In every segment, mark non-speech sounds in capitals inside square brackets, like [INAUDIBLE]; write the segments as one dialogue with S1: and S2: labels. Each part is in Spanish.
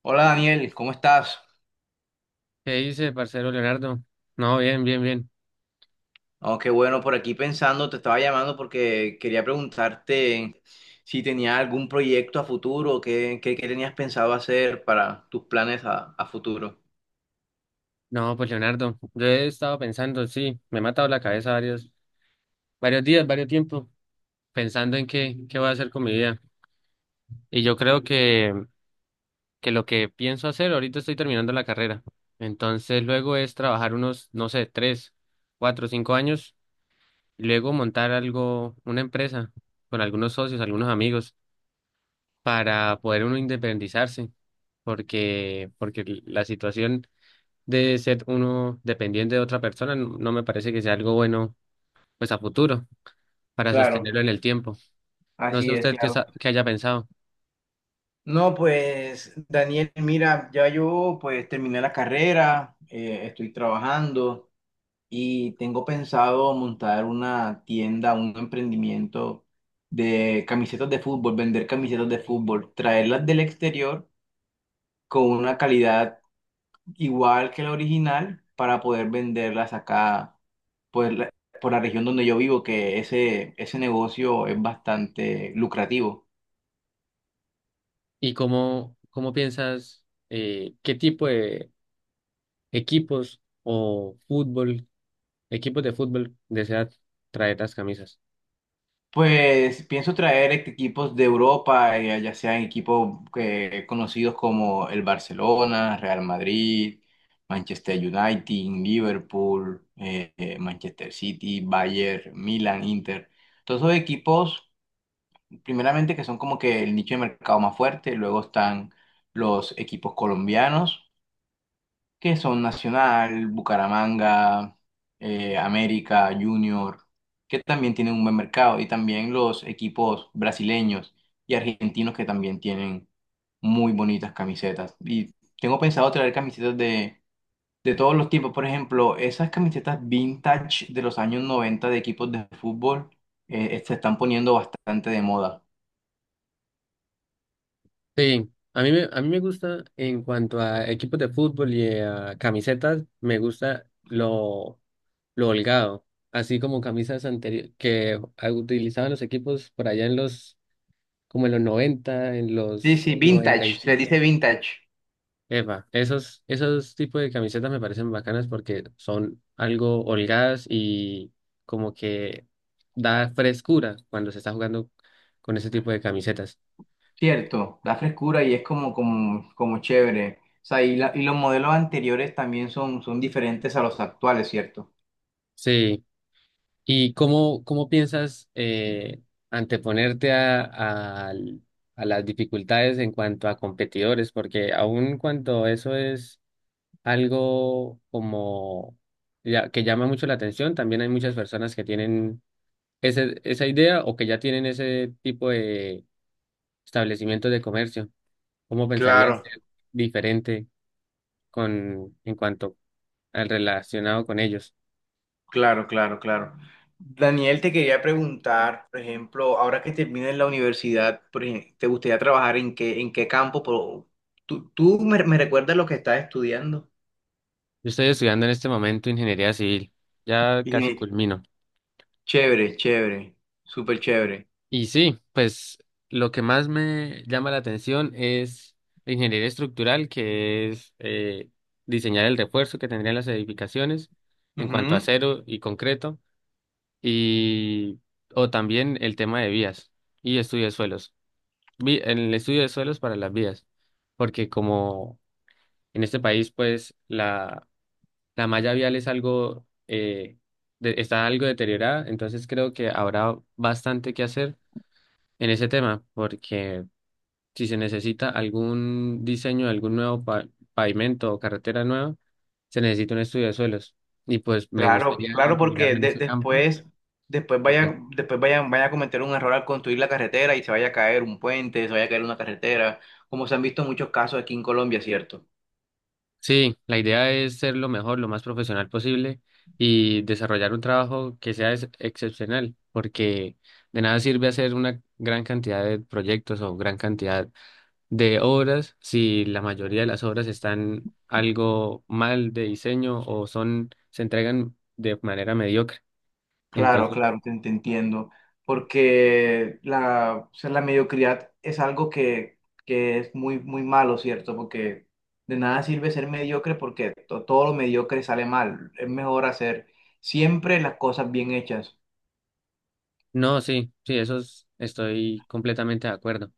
S1: Hola Daniel, ¿cómo estás?
S2: ¿Qué dice, parcero Leonardo? No, bien, bien, bien.
S1: Oh, qué bueno, por aquí pensando, te estaba llamando porque quería preguntarte si tenía algún proyecto a futuro, qué tenías pensado hacer para tus planes a futuro.
S2: No, pues Leonardo, yo he estado pensando, sí, me he matado la cabeza varios días, varios tiempos, pensando en qué voy a hacer con mi vida. Y yo creo que lo que pienso hacer, ahorita estoy terminando la carrera. Entonces luego es trabajar unos, no sé, 3, 4, 5 años, y luego montar algo, una empresa con algunos socios, algunos amigos, para poder uno independizarse, porque la situación de ser uno dependiente de otra persona, no me parece que sea algo bueno, pues a futuro, para
S1: Claro,
S2: sostenerlo en el tiempo. No sé
S1: así es,
S2: usted qué,
S1: claro.
S2: qué haya pensado
S1: No, pues Daniel, mira, ya yo pues terminé la carrera, estoy trabajando y tengo pensado montar una tienda, un emprendimiento de camisetas de fútbol, vender camisetas de fútbol, traerlas del exterior, con una calidad igual que la original para poder venderlas acá pues la, por la región donde yo vivo, que ese negocio es bastante lucrativo.
S2: y cómo piensas, qué tipo de equipos o fútbol, equipos de fútbol desea traer las camisas.
S1: Pues pienso traer equipos de Europa, ya sean equipos conocidos como el Barcelona, Real Madrid, Manchester United, Liverpool, Manchester City, Bayern, Milan, Inter. Todos esos equipos primeramente que son como que el nicho de mercado más fuerte, luego están los equipos colombianos, que son Nacional, Bucaramanga, América, Junior, que también tienen un buen mercado, y también los equipos brasileños y argentinos que también tienen muy bonitas camisetas. Y tengo pensado traer camisetas de... De todos los tipos, por ejemplo, esas camisetas vintage de los años 90 de equipos de fútbol se están poniendo bastante de moda.
S2: Sí, a mí me gusta en cuanto a equipos de fútbol y a camisetas, me gusta lo holgado. Así como camisas anteriores que utilizaban los equipos por allá en los como en
S1: Sí,
S2: los
S1: sí,
S2: noventa y
S1: vintage, se le
S2: cinco
S1: dice vintage,
S2: Eva esos tipos de camisetas me parecen bacanas porque son algo holgadas y como que da frescura cuando se está jugando con ese tipo de camisetas.
S1: cierto, da frescura y es como chévere. O sea, y los modelos anteriores también son diferentes a los actuales, ¿cierto?
S2: Sí. ¿Y cómo piensas anteponerte a las dificultades en cuanto a competidores? Porque aun cuando eso es algo como ya, que llama mucho la atención. También hay muchas personas que tienen ese, esa idea o que ya tienen ese tipo de establecimientos de comercio. ¿Cómo pensarías
S1: Claro,
S2: ser diferente en cuanto al relacionado con ellos?
S1: claro, claro, claro. Daniel, te quería preguntar, por ejemplo, ahora que termines la universidad, ¿te gustaría trabajar en qué campo? Por me recuerdas lo que estás estudiando.
S2: Yo estoy estudiando en este momento ingeniería civil, ya casi
S1: Ingenie-
S2: culmino.
S1: Chévere, chévere, súper chévere.
S2: Y sí, pues lo que más me llama la atención es la ingeniería estructural, que es diseñar el refuerzo que tendrían las edificaciones en cuanto a acero y concreto, y o también el tema de vías y estudio de suelos. En el estudio de suelos para las vías, porque como en este país, pues la malla vial es algo, está algo deteriorada, entonces creo que habrá bastante que hacer en ese tema, porque si se necesita algún diseño de algún nuevo pavimento o carretera nueva, se necesita un estudio de suelos. Y pues me
S1: Claro,
S2: gustaría
S1: claro, porque
S2: encaminarme en ese campo
S1: después, después
S2: y ya.
S1: vaya, después vayan, vaya a cometer un error al construir la carretera y se vaya a caer un puente, se vaya a caer una carretera, como se han visto muchos casos aquí en Colombia, ¿cierto?
S2: Sí, la idea es ser lo mejor, lo más profesional posible y desarrollar un trabajo que sea excepcional, porque de nada sirve hacer una gran cantidad de proyectos o gran cantidad de obras si la mayoría de las obras están algo mal de diseño o son se entregan de manera mediocre.
S1: Claro,
S2: Entonces,
S1: claro, te entiendo, porque la, o sea, la mediocridad es algo que es muy, muy malo, ¿cierto? Porque de nada sirve ser mediocre porque todo lo mediocre sale mal, es mejor hacer siempre las cosas bien hechas.
S2: no, sí, sí, estoy completamente de acuerdo.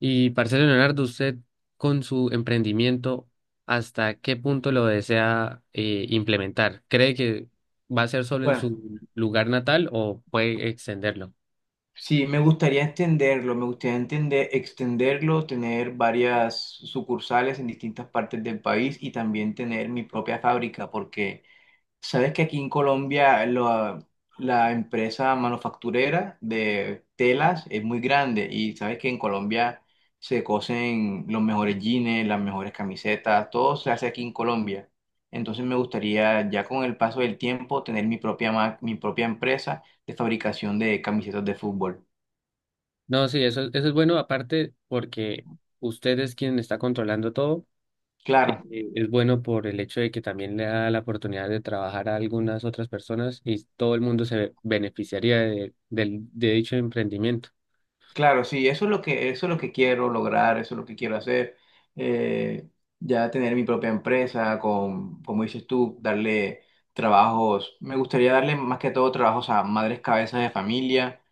S2: Y, parcero Leonardo, usted con su emprendimiento, ¿hasta qué punto lo desea implementar? ¿Cree que va a ser solo en
S1: Bueno.
S2: su lugar natal o puede extenderlo?
S1: Sí, me gustaría entenderlo, me gustaría entender, extenderlo, tener varias sucursales en distintas partes del país y también tener mi propia fábrica, porque sabes que aquí en Colombia la empresa manufacturera de telas es muy grande y sabes que en Colombia se cosen los mejores jeans, las mejores camisetas, todo se hace aquí en Colombia. Entonces me gustaría ya con el paso del tiempo tener mi propia empresa de fabricación de camisetas de fútbol.
S2: No, sí, eso es bueno, aparte porque usted es quien está controlando todo.
S1: Claro,
S2: Es bueno por el hecho de que también le da la oportunidad de trabajar a algunas otras personas y todo el mundo se beneficiaría de dicho emprendimiento.
S1: claro, sí, eso es lo que, eso es lo que quiero lograr, eso es lo que quiero hacer. Eh, ya tener mi propia empresa, con, como dices tú, darle trabajos. Me gustaría darle más que todo trabajos a madres cabezas de familia,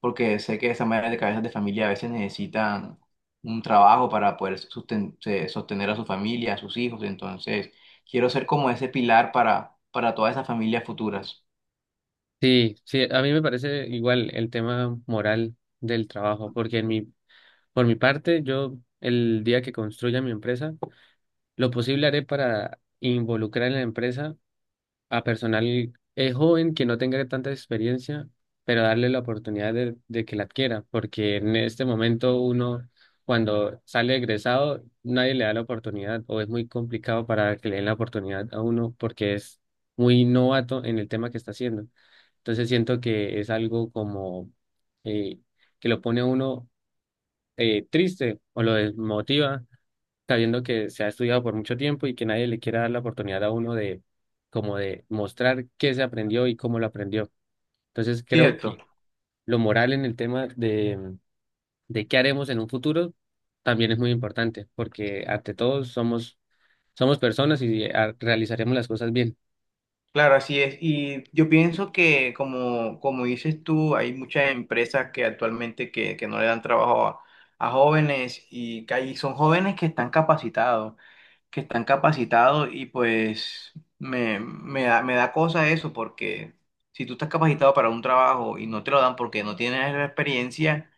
S1: porque sé que esas madres de cabezas de familia a veces necesitan un trabajo para poder sostener a su familia, a sus hijos. Entonces, quiero ser como ese pilar para todas esas familias futuras.
S2: Sí, sí, a mí me parece igual el tema moral del trabajo, porque por mi parte, yo el día que construya mi empresa, lo posible haré para involucrar en la empresa a personal joven que no tenga tanta experiencia, pero darle la oportunidad de que la adquiera, porque en este momento uno, cuando sale egresado, nadie le da la oportunidad o es muy complicado para que le den la oportunidad a uno porque es muy novato en el tema que está haciendo. Entonces siento que es algo como eh, que lo pone a uno triste o lo desmotiva, sabiendo que se ha estudiado por mucho tiempo y que nadie le quiera dar la oportunidad a uno de como de mostrar qué se aprendió y cómo lo aprendió. Entonces creo
S1: Cierto.
S2: que lo moral en el tema de qué haremos en un futuro también es muy importante, porque ante todo somos personas y realizaremos las cosas bien.
S1: Claro, así es. Y yo pienso que, como, como dices tú, hay muchas empresas que actualmente que no le dan trabajo a jóvenes y que ahí son jóvenes que están capacitados y pues me da cosa eso porque si tú estás capacitado para un trabajo y no te lo dan porque no tienes la experiencia,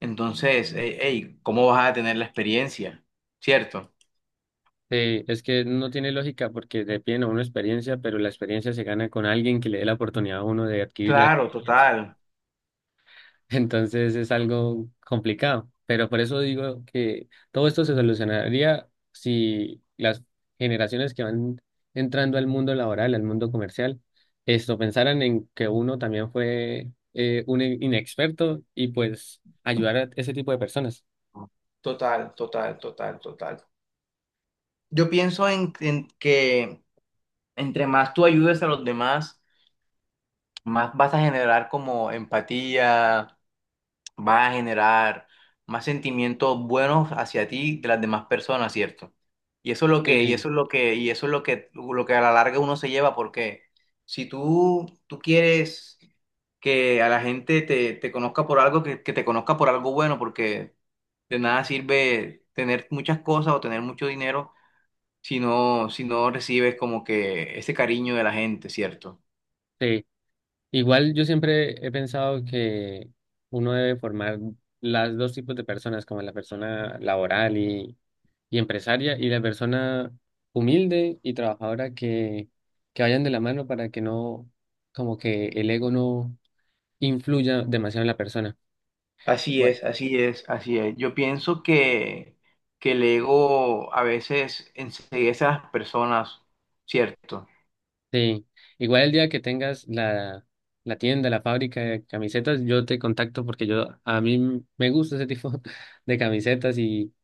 S1: entonces, hey, ¿cómo vas a tener la experiencia? ¿Cierto?
S2: Sí, es que no tiene lógica porque le piden a uno experiencia, pero la experiencia se gana con alguien que le dé la oportunidad a uno de adquirir la
S1: Claro,
S2: experiencia.
S1: total.
S2: [LAUGHS] Entonces es algo complicado, pero por eso digo que todo esto se solucionaría si las generaciones que van entrando al mundo laboral, al mundo comercial, esto pensaran en que uno también fue un inexperto y pues ayudar a ese tipo de personas.
S1: Total, total, total, total. Yo pienso en que entre más tú ayudes a los demás, más vas a generar como empatía, vas a generar más sentimientos buenos hacia ti de las demás personas, ¿cierto? Y eso es lo que, y
S2: Eh,
S1: eso es lo que, y eso es lo que a la larga uno se lleva, porque si tú quieres que a la gente te conozca por algo, que te conozca por algo bueno, porque de nada sirve tener muchas cosas o tener mucho dinero si no, si no recibes como que ese cariño de la gente, ¿cierto?
S2: Sí, igual yo siempre he pensado que uno debe formar las dos tipos de personas, como la persona laboral y empresaria y la persona humilde y trabajadora que vayan de la mano para que no, como que el ego no influya demasiado en la persona.
S1: Así
S2: Bueno,
S1: es, así es, así es. Yo pienso que el ego a veces enseguece a las personas, ¿cierto?
S2: sí, igual el día que tengas la tienda, la fábrica de camisetas, yo te contacto porque yo a mí me gusta ese tipo [LAUGHS] de camisetas y.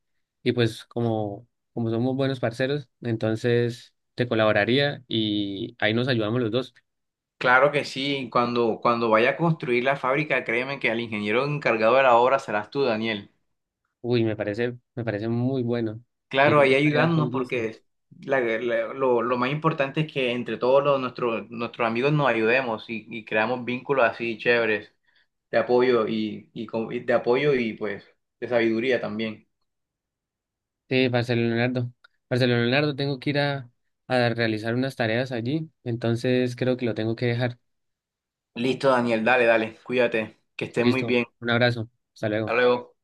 S2: Y pues como somos buenos parceros, entonces te colaboraría y ahí nos ayudamos los dos.
S1: Claro que sí, cuando vaya a construir la fábrica, créeme que al ingeniero encargado de la obra serás tú, Daniel.
S2: Uy, me parece muy bueno. Y
S1: Claro,
S2: yo
S1: ahí
S2: estaría con
S1: ayudarnos
S2: gusto.
S1: porque lo más importante es que entre todos nuestros, nuestros amigos nos ayudemos y creamos vínculos así chéveres, de apoyo y de apoyo y pues de sabiduría también.
S2: Sí, Marcelo Leonardo. Marcelo Leonardo, tengo que ir a realizar unas tareas allí, entonces creo que lo tengo que dejar.
S1: Listo, Daniel, dale, dale, cuídate, que estés muy
S2: Listo,
S1: bien.
S2: un abrazo. Hasta
S1: Hasta
S2: luego.
S1: luego.